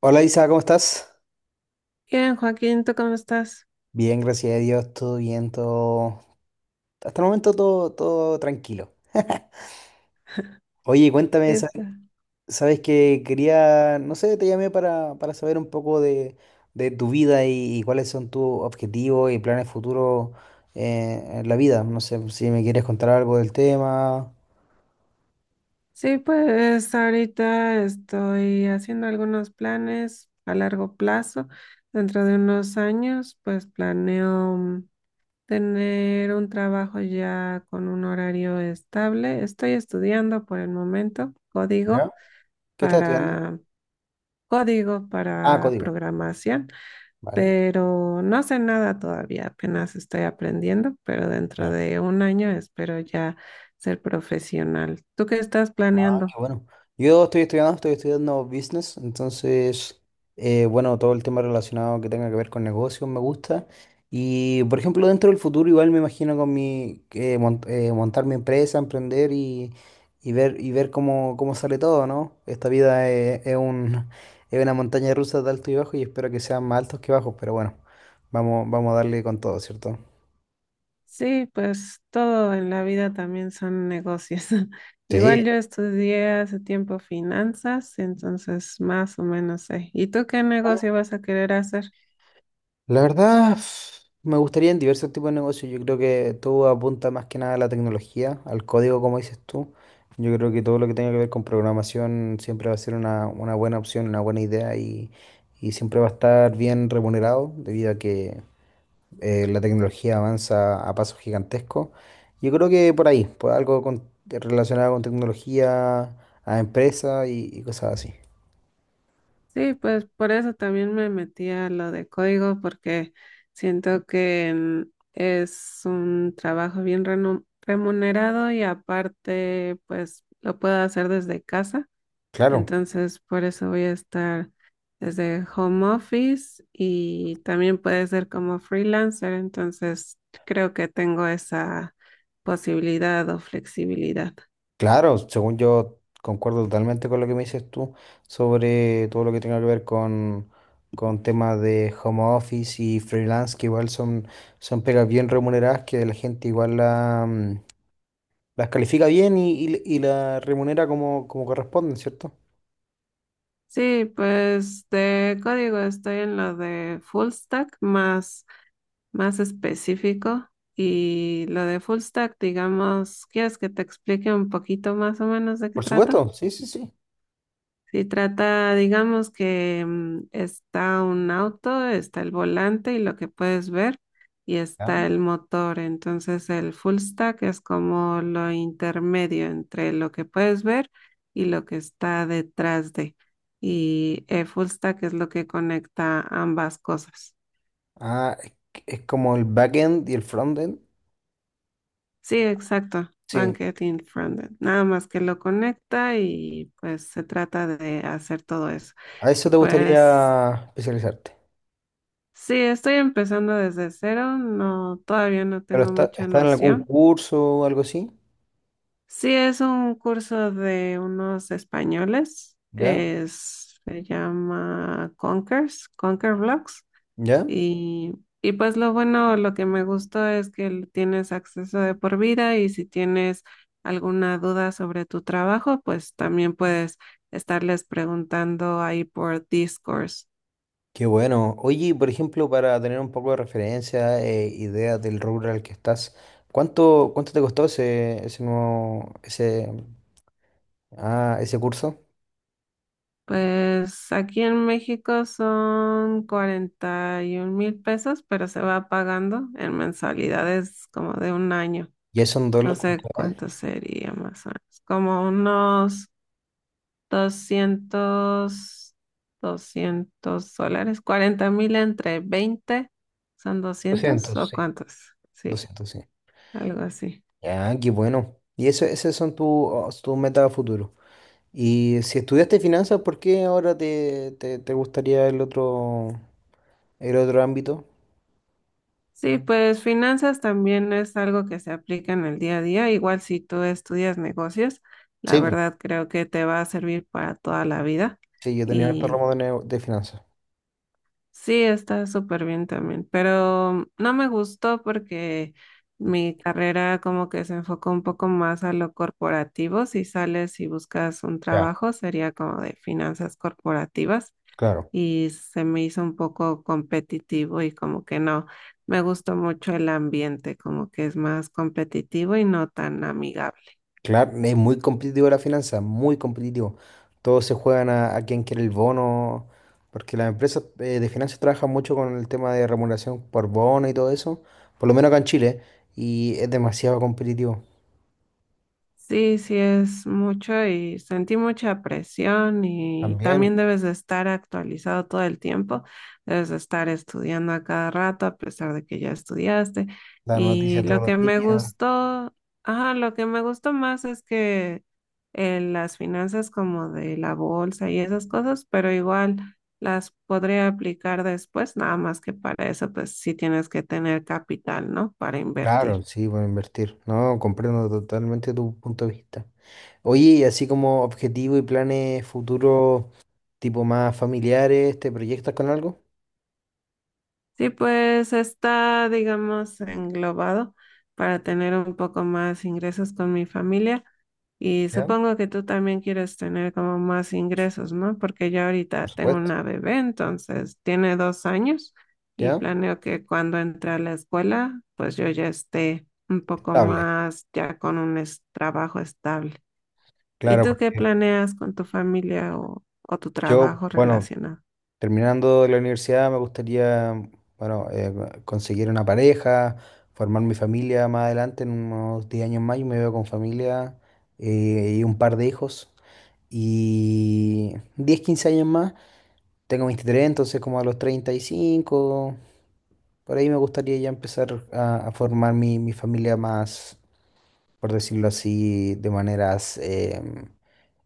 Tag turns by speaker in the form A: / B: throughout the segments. A: Hola Isa, ¿cómo estás?
B: Bien, Joaquín, ¿tú cómo estás?
A: Bien, gracias a Dios, todo bien, Hasta el momento todo tranquilo. Oye, cuéntame,
B: Esta.
A: sabes que quería, no sé, te llamé para saber un poco de tu vida y cuáles son tus objetivos y planes futuros en la vida. No sé si me quieres contar algo del tema.
B: Sí, pues ahorita estoy haciendo algunos planes a largo plazo. Dentro de unos años, pues planeo tener un trabajo ya con un horario estable. Estoy estudiando por el momento
A: ¿Ya? ¿Qué estás estudiando?
B: para código
A: Ah,
B: para
A: código,
B: programación.
A: vale.
B: Pero no sé nada todavía, apenas estoy aprendiendo, pero dentro de un año espero ya ser profesional. ¿Tú qué estás
A: Ah,
B: planeando?
A: qué bueno. Yo estoy estudiando business, entonces, bueno, todo el tema relacionado que tenga que ver con negocios me gusta. Y, por ejemplo, dentro del futuro igual me imagino con montar mi empresa, emprender y, y ver cómo sale todo, ¿no? Esta es una montaña rusa de alto y bajo y espero que sean más altos que bajos, pero bueno, vamos a darle con todo, ¿cierto?
B: Sí, pues todo en la vida también son negocios. Igual
A: Sí.
B: yo estudié hace tiempo finanzas, entonces más o menos sé. ¿Y tú qué negocio vas a querer hacer?
A: La verdad, me gustaría en diversos tipos de negocios. Yo creo que todo apunta más que nada a la tecnología, al código, como dices tú. Yo creo que todo lo que tenga que ver con programación siempre va a ser una buena opción, una buena idea y siempre va a estar bien remunerado debido a que la tecnología avanza a pasos gigantescos. Yo creo que por ahí, por algo relacionado con tecnología, a empresa y cosas así.
B: Sí, pues por eso también me metí a lo de código, porque siento que es un trabajo bien remunerado y aparte, pues lo puedo hacer desde casa.
A: Claro.
B: Entonces, por eso voy a estar desde home office y también puede ser como freelancer. Entonces, creo que tengo esa posibilidad o flexibilidad.
A: Claro, según yo concuerdo totalmente con lo que me dices tú sobre todo lo que tenga que ver con temas de home office y freelance, que igual son, son pegas bien remuneradas, que la gente igual las califica bien y la remunera como, como corresponden, ¿cierto?
B: Sí, pues de código estoy en lo de full stack, más específico, y lo de full stack, digamos, ¿quieres que te explique un poquito más o menos de qué
A: Por
B: trata?
A: supuesto, sí, sí, sí.
B: Si trata, digamos que está un auto, está el volante y lo que puedes ver, y
A: Ah,
B: está el motor. Entonces el full stack es como lo intermedio entre lo que puedes ver y lo que está detrás de. Y el full stack es lo que conecta ambas cosas.
A: Ah, es como el backend y el frontend.
B: Sí, exacto.
A: Sí,
B: Bankend y frontend. Nada más que lo conecta y pues se trata de hacer todo eso.
A: a eso
B: Y
A: te
B: pues
A: gustaría especializarte.
B: sí, estoy empezando desde cero, no, todavía no
A: Pero
B: tengo mucha
A: está en algún
B: noción.
A: curso o algo así,
B: Sí, es un curso de unos españoles,
A: ¿ya?
B: es, se llama Conkers, Conquer Blocks,
A: ¿Ya?
B: y, y pues lo bueno, lo que me gustó es que tienes acceso de por vida y si tienes alguna duda sobre tu trabajo, pues también puedes estarles preguntando ahí por Discourse.
A: Qué bueno. Oye, por ejemplo, para tener un poco de referencia, ideas del rubro al que estás, ¿cuánto te costó ese, ah, ese curso?
B: Pues aquí en México son 41,000 pesos, pero se va pagando en mensualidades como de un año.
A: Ya son
B: No
A: dólares,
B: sé
A: ¿cuánto?
B: cuánto sería más o menos. Como unos 200, 200 dólares. 40,000 entre 20 son 200
A: 200,
B: o
A: sí.
B: cuántos. Sí,
A: Doscientos sí.
B: algo así.
A: Ya, qué bueno. Y eso, esas son tus metas a futuro. Y si estudiaste finanzas, ¿por qué ahora te gustaría el el otro ámbito?
B: Sí, pues finanzas también es algo que se aplica en el día a día. Igual si tú estudias negocios, la
A: Sí, pues,
B: verdad creo que te va a servir para toda la vida.
A: sí, yo tenía harto
B: Y
A: ramo de finanzas.
B: sí, está súper bien también. Pero no me gustó porque mi carrera como que se enfocó un poco más a lo corporativo. Si sales y buscas un
A: Ya,
B: trabajo, sería como de finanzas corporativas
A: claro.
B: y se me hizo un poco competitivo y como que no, me gustó mucho el ambiente, como que es más competitivo y no tan amigable.
A: Claro, es muy competitivo la finanza, muy competitivo. Todos se juegan a quién quiere el bono, porque las empresas de finanzas trabajan mucho con el tema de remuneración por bono y todo eso, por lo menos acá en Chile, y es demasiado competitivo.
B: Sí, sí es mucho y sentí mucha presión y
A: También,
B: también debes de estar actualizado todo el tiempo, debes de estar estudiando a cada rato a pesar de que ya estudiaste.
A: la noticia
B: Y
A: todos
B: lo que
A: los
B: me
A: días.
B: gustó, Ajá, lo que me gustó más es que las finanzas como de la bolsa y esas cosas, pero igual las podría aplicar después, nada más que para eso pues sí tienes que tener capital, ¿no? Para
A: Claro,
B: invertir.
A: sí, por invertir. No, comprendo totalmente tu punto de vista. Oye, y así como objetivo y planes futuros, tipo más familiares, ¿te proyectas con algo?
B: Sí, pues está, digamos, englobado para tener un poco más ingresos con mi familia y
A: ¿Ya?
B: supongo que tú también quieres tener como más ingresos, ¿no? Porque yo ahorita
A: Por
B: tengo
A: supuesto.
B: una bebé, entonces tiene 2 años y
A: ¿Ya?
B: planeo que cuando entre a la escuela, pues yo ya esté un poco
A: Estable.
B: más ya con un trabajo estable. ¿Y
A: Claro,
B: tú qué
A: porque
B: planeas con tu familia o tu
A: yo,
B: trabajo
A: bueno,
B: relacionado?
A: terminando la universidad me gustaría, bueno, conseguir una pareja, formar mi familia más adelante, en unos 10 años más, yo me veo con familia y un par de hijos. Y 10 15 años más, tengo 23, entonces como a los 35 por ahí me gustaría ya empezar a formar mi familia más, por decirlo así, de maneras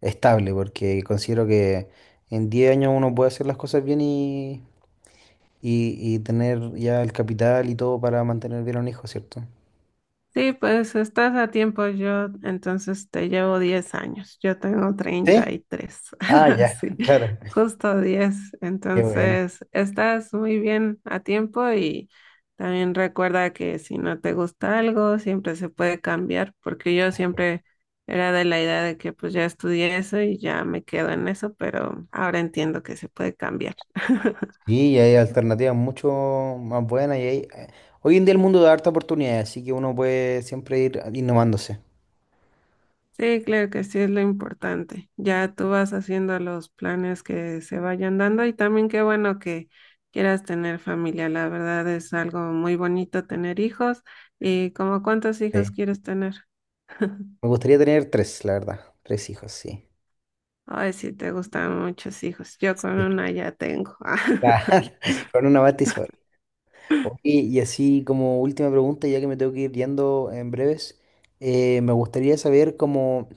A: estable, porque considero que en 10 años uno puede hacer las cosas bien y tener ya el capital y todo para mantener bien a un hijo, ¿cierto?
B: Sí, pues estás a tiempo. Yo entonces te llevo 10 años. Yo tengo treinta
A: ¿Sí?
B: y tres.
A: Ah, ya,
B: Sí,
A: claro.
B: justo 10.
A: Qué bueno.
B: Entonces, estás muy bien a tiempo, y también recuerda que si no te gusta algo, siempre se puede cambiar, porque yo siempre era de la idea de que pues ya estudié eso y ya me quedo en eso, pero ahora entiendo que se puede cambiar.
A: Sí, y hay alternativas mucho más buenas y hay... Hoy en día el mundo da harta oportunidad, así que uno puede siempre ir innovándose.
B: Sí, claro que sí, es lo importante. Ya tú vas haciendo los planes que se vayan dando y también qué bueno que quieras tener familia. La verdad es algo muy bonito tener hijos. ¿Y como cuántos hijos
A: Sí.
B: quieres tener?
A: Me gustaría tener tres, la verdad. Tres hijos, sí.
B: Ay, sí, te gustan muchos hijos. Yo con
A: Sí.
B: una ya tengo.
A: Con una batizuela. Oye, y así como última pregunta, ya que me tengo que ir yendo en breves, me gustaría saber cómo,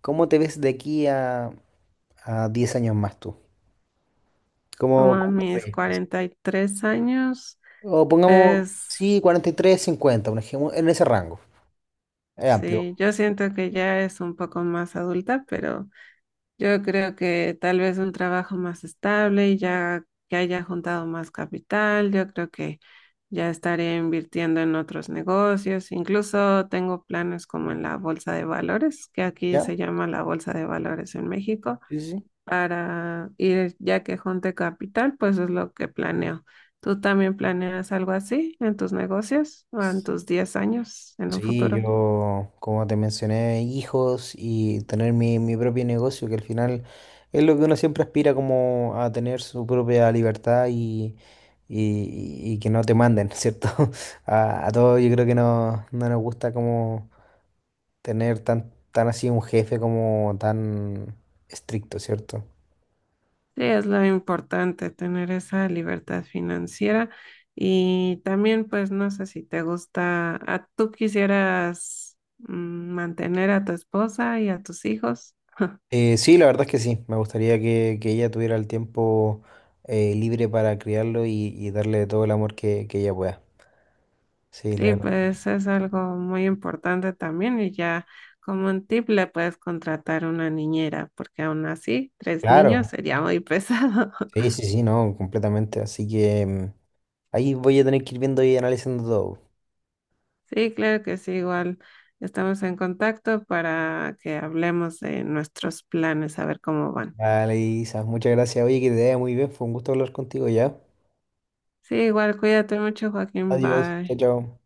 A: cómo te ves de aquí a 10 años más tú.
B: Como
A: ¿Cómo,
B: a
A: cómo te
B: mis
A: proyectas?
B: 43 años,
A: O pongamos, sí,
B: pues
A: 43 50 un ejemplo, en ese rango. Es amplio,
B: sí, yo siento que ya es un poco más adulta, pero... Yo creo que tal vez un trabajo más estable y ya que haya juntado más capital, yo creo que ya estaré invirtiendo en otros negocios. Incluso tengo planes como en la bolsa de valores, que aquí
A: ¿ya?
B: se llama la bolsa de valores en México,
A: Sí, sí.
B: para ir ya que junte capital, pues es lo que planeo. ¿Tú también planeas algo así en tus negocios o en tus 10 años en un
A: Sí,
B: futuro?
A: yo, como te mencioné, hijos y tener mi propio negocio, que al final es lo que uno siempre aspira como a tener su propia libertad y, y que no te manden, ¿cierto? A todos yo creo que no nos gusta como tener tan así un jefe como tan estricto, ¿cierto?
B: Sí, es lo importante, tener esa libertad financiera y también, pues, no sé si te gusta, ¿tú quisieras mantener a tu esposa y a tus hijos?
A: Sí, la verdad es que sí, me gustaría que ella tuviera el tiempo libre para criarlo y darle todo el amor que ella pueda. Sí, la
B: Sí,
A: verdad.
B: pues es algo muy importante también y ya, como un tip, le puedes contratar una niñera, porque aún así, tres niños
A: Claro,
B: sería muy pesado.
A: sí, sí, sí, no, completamente. Así que mm, ahí voy a tener que ir viendo y analizando todo.
B: Sí, claro que sí, igual estamos en contacto para que hablemos de nuestros planes, a ver cómo van.
A: Vale, Isa, muchas gracias. Oye, que te vaya muy bien. Fue un gusto hablar contigo ya.
B: Sí, igual cuídate mucho, Joaquín.
A: Adiós, chao,
B: Bye.
A: chao.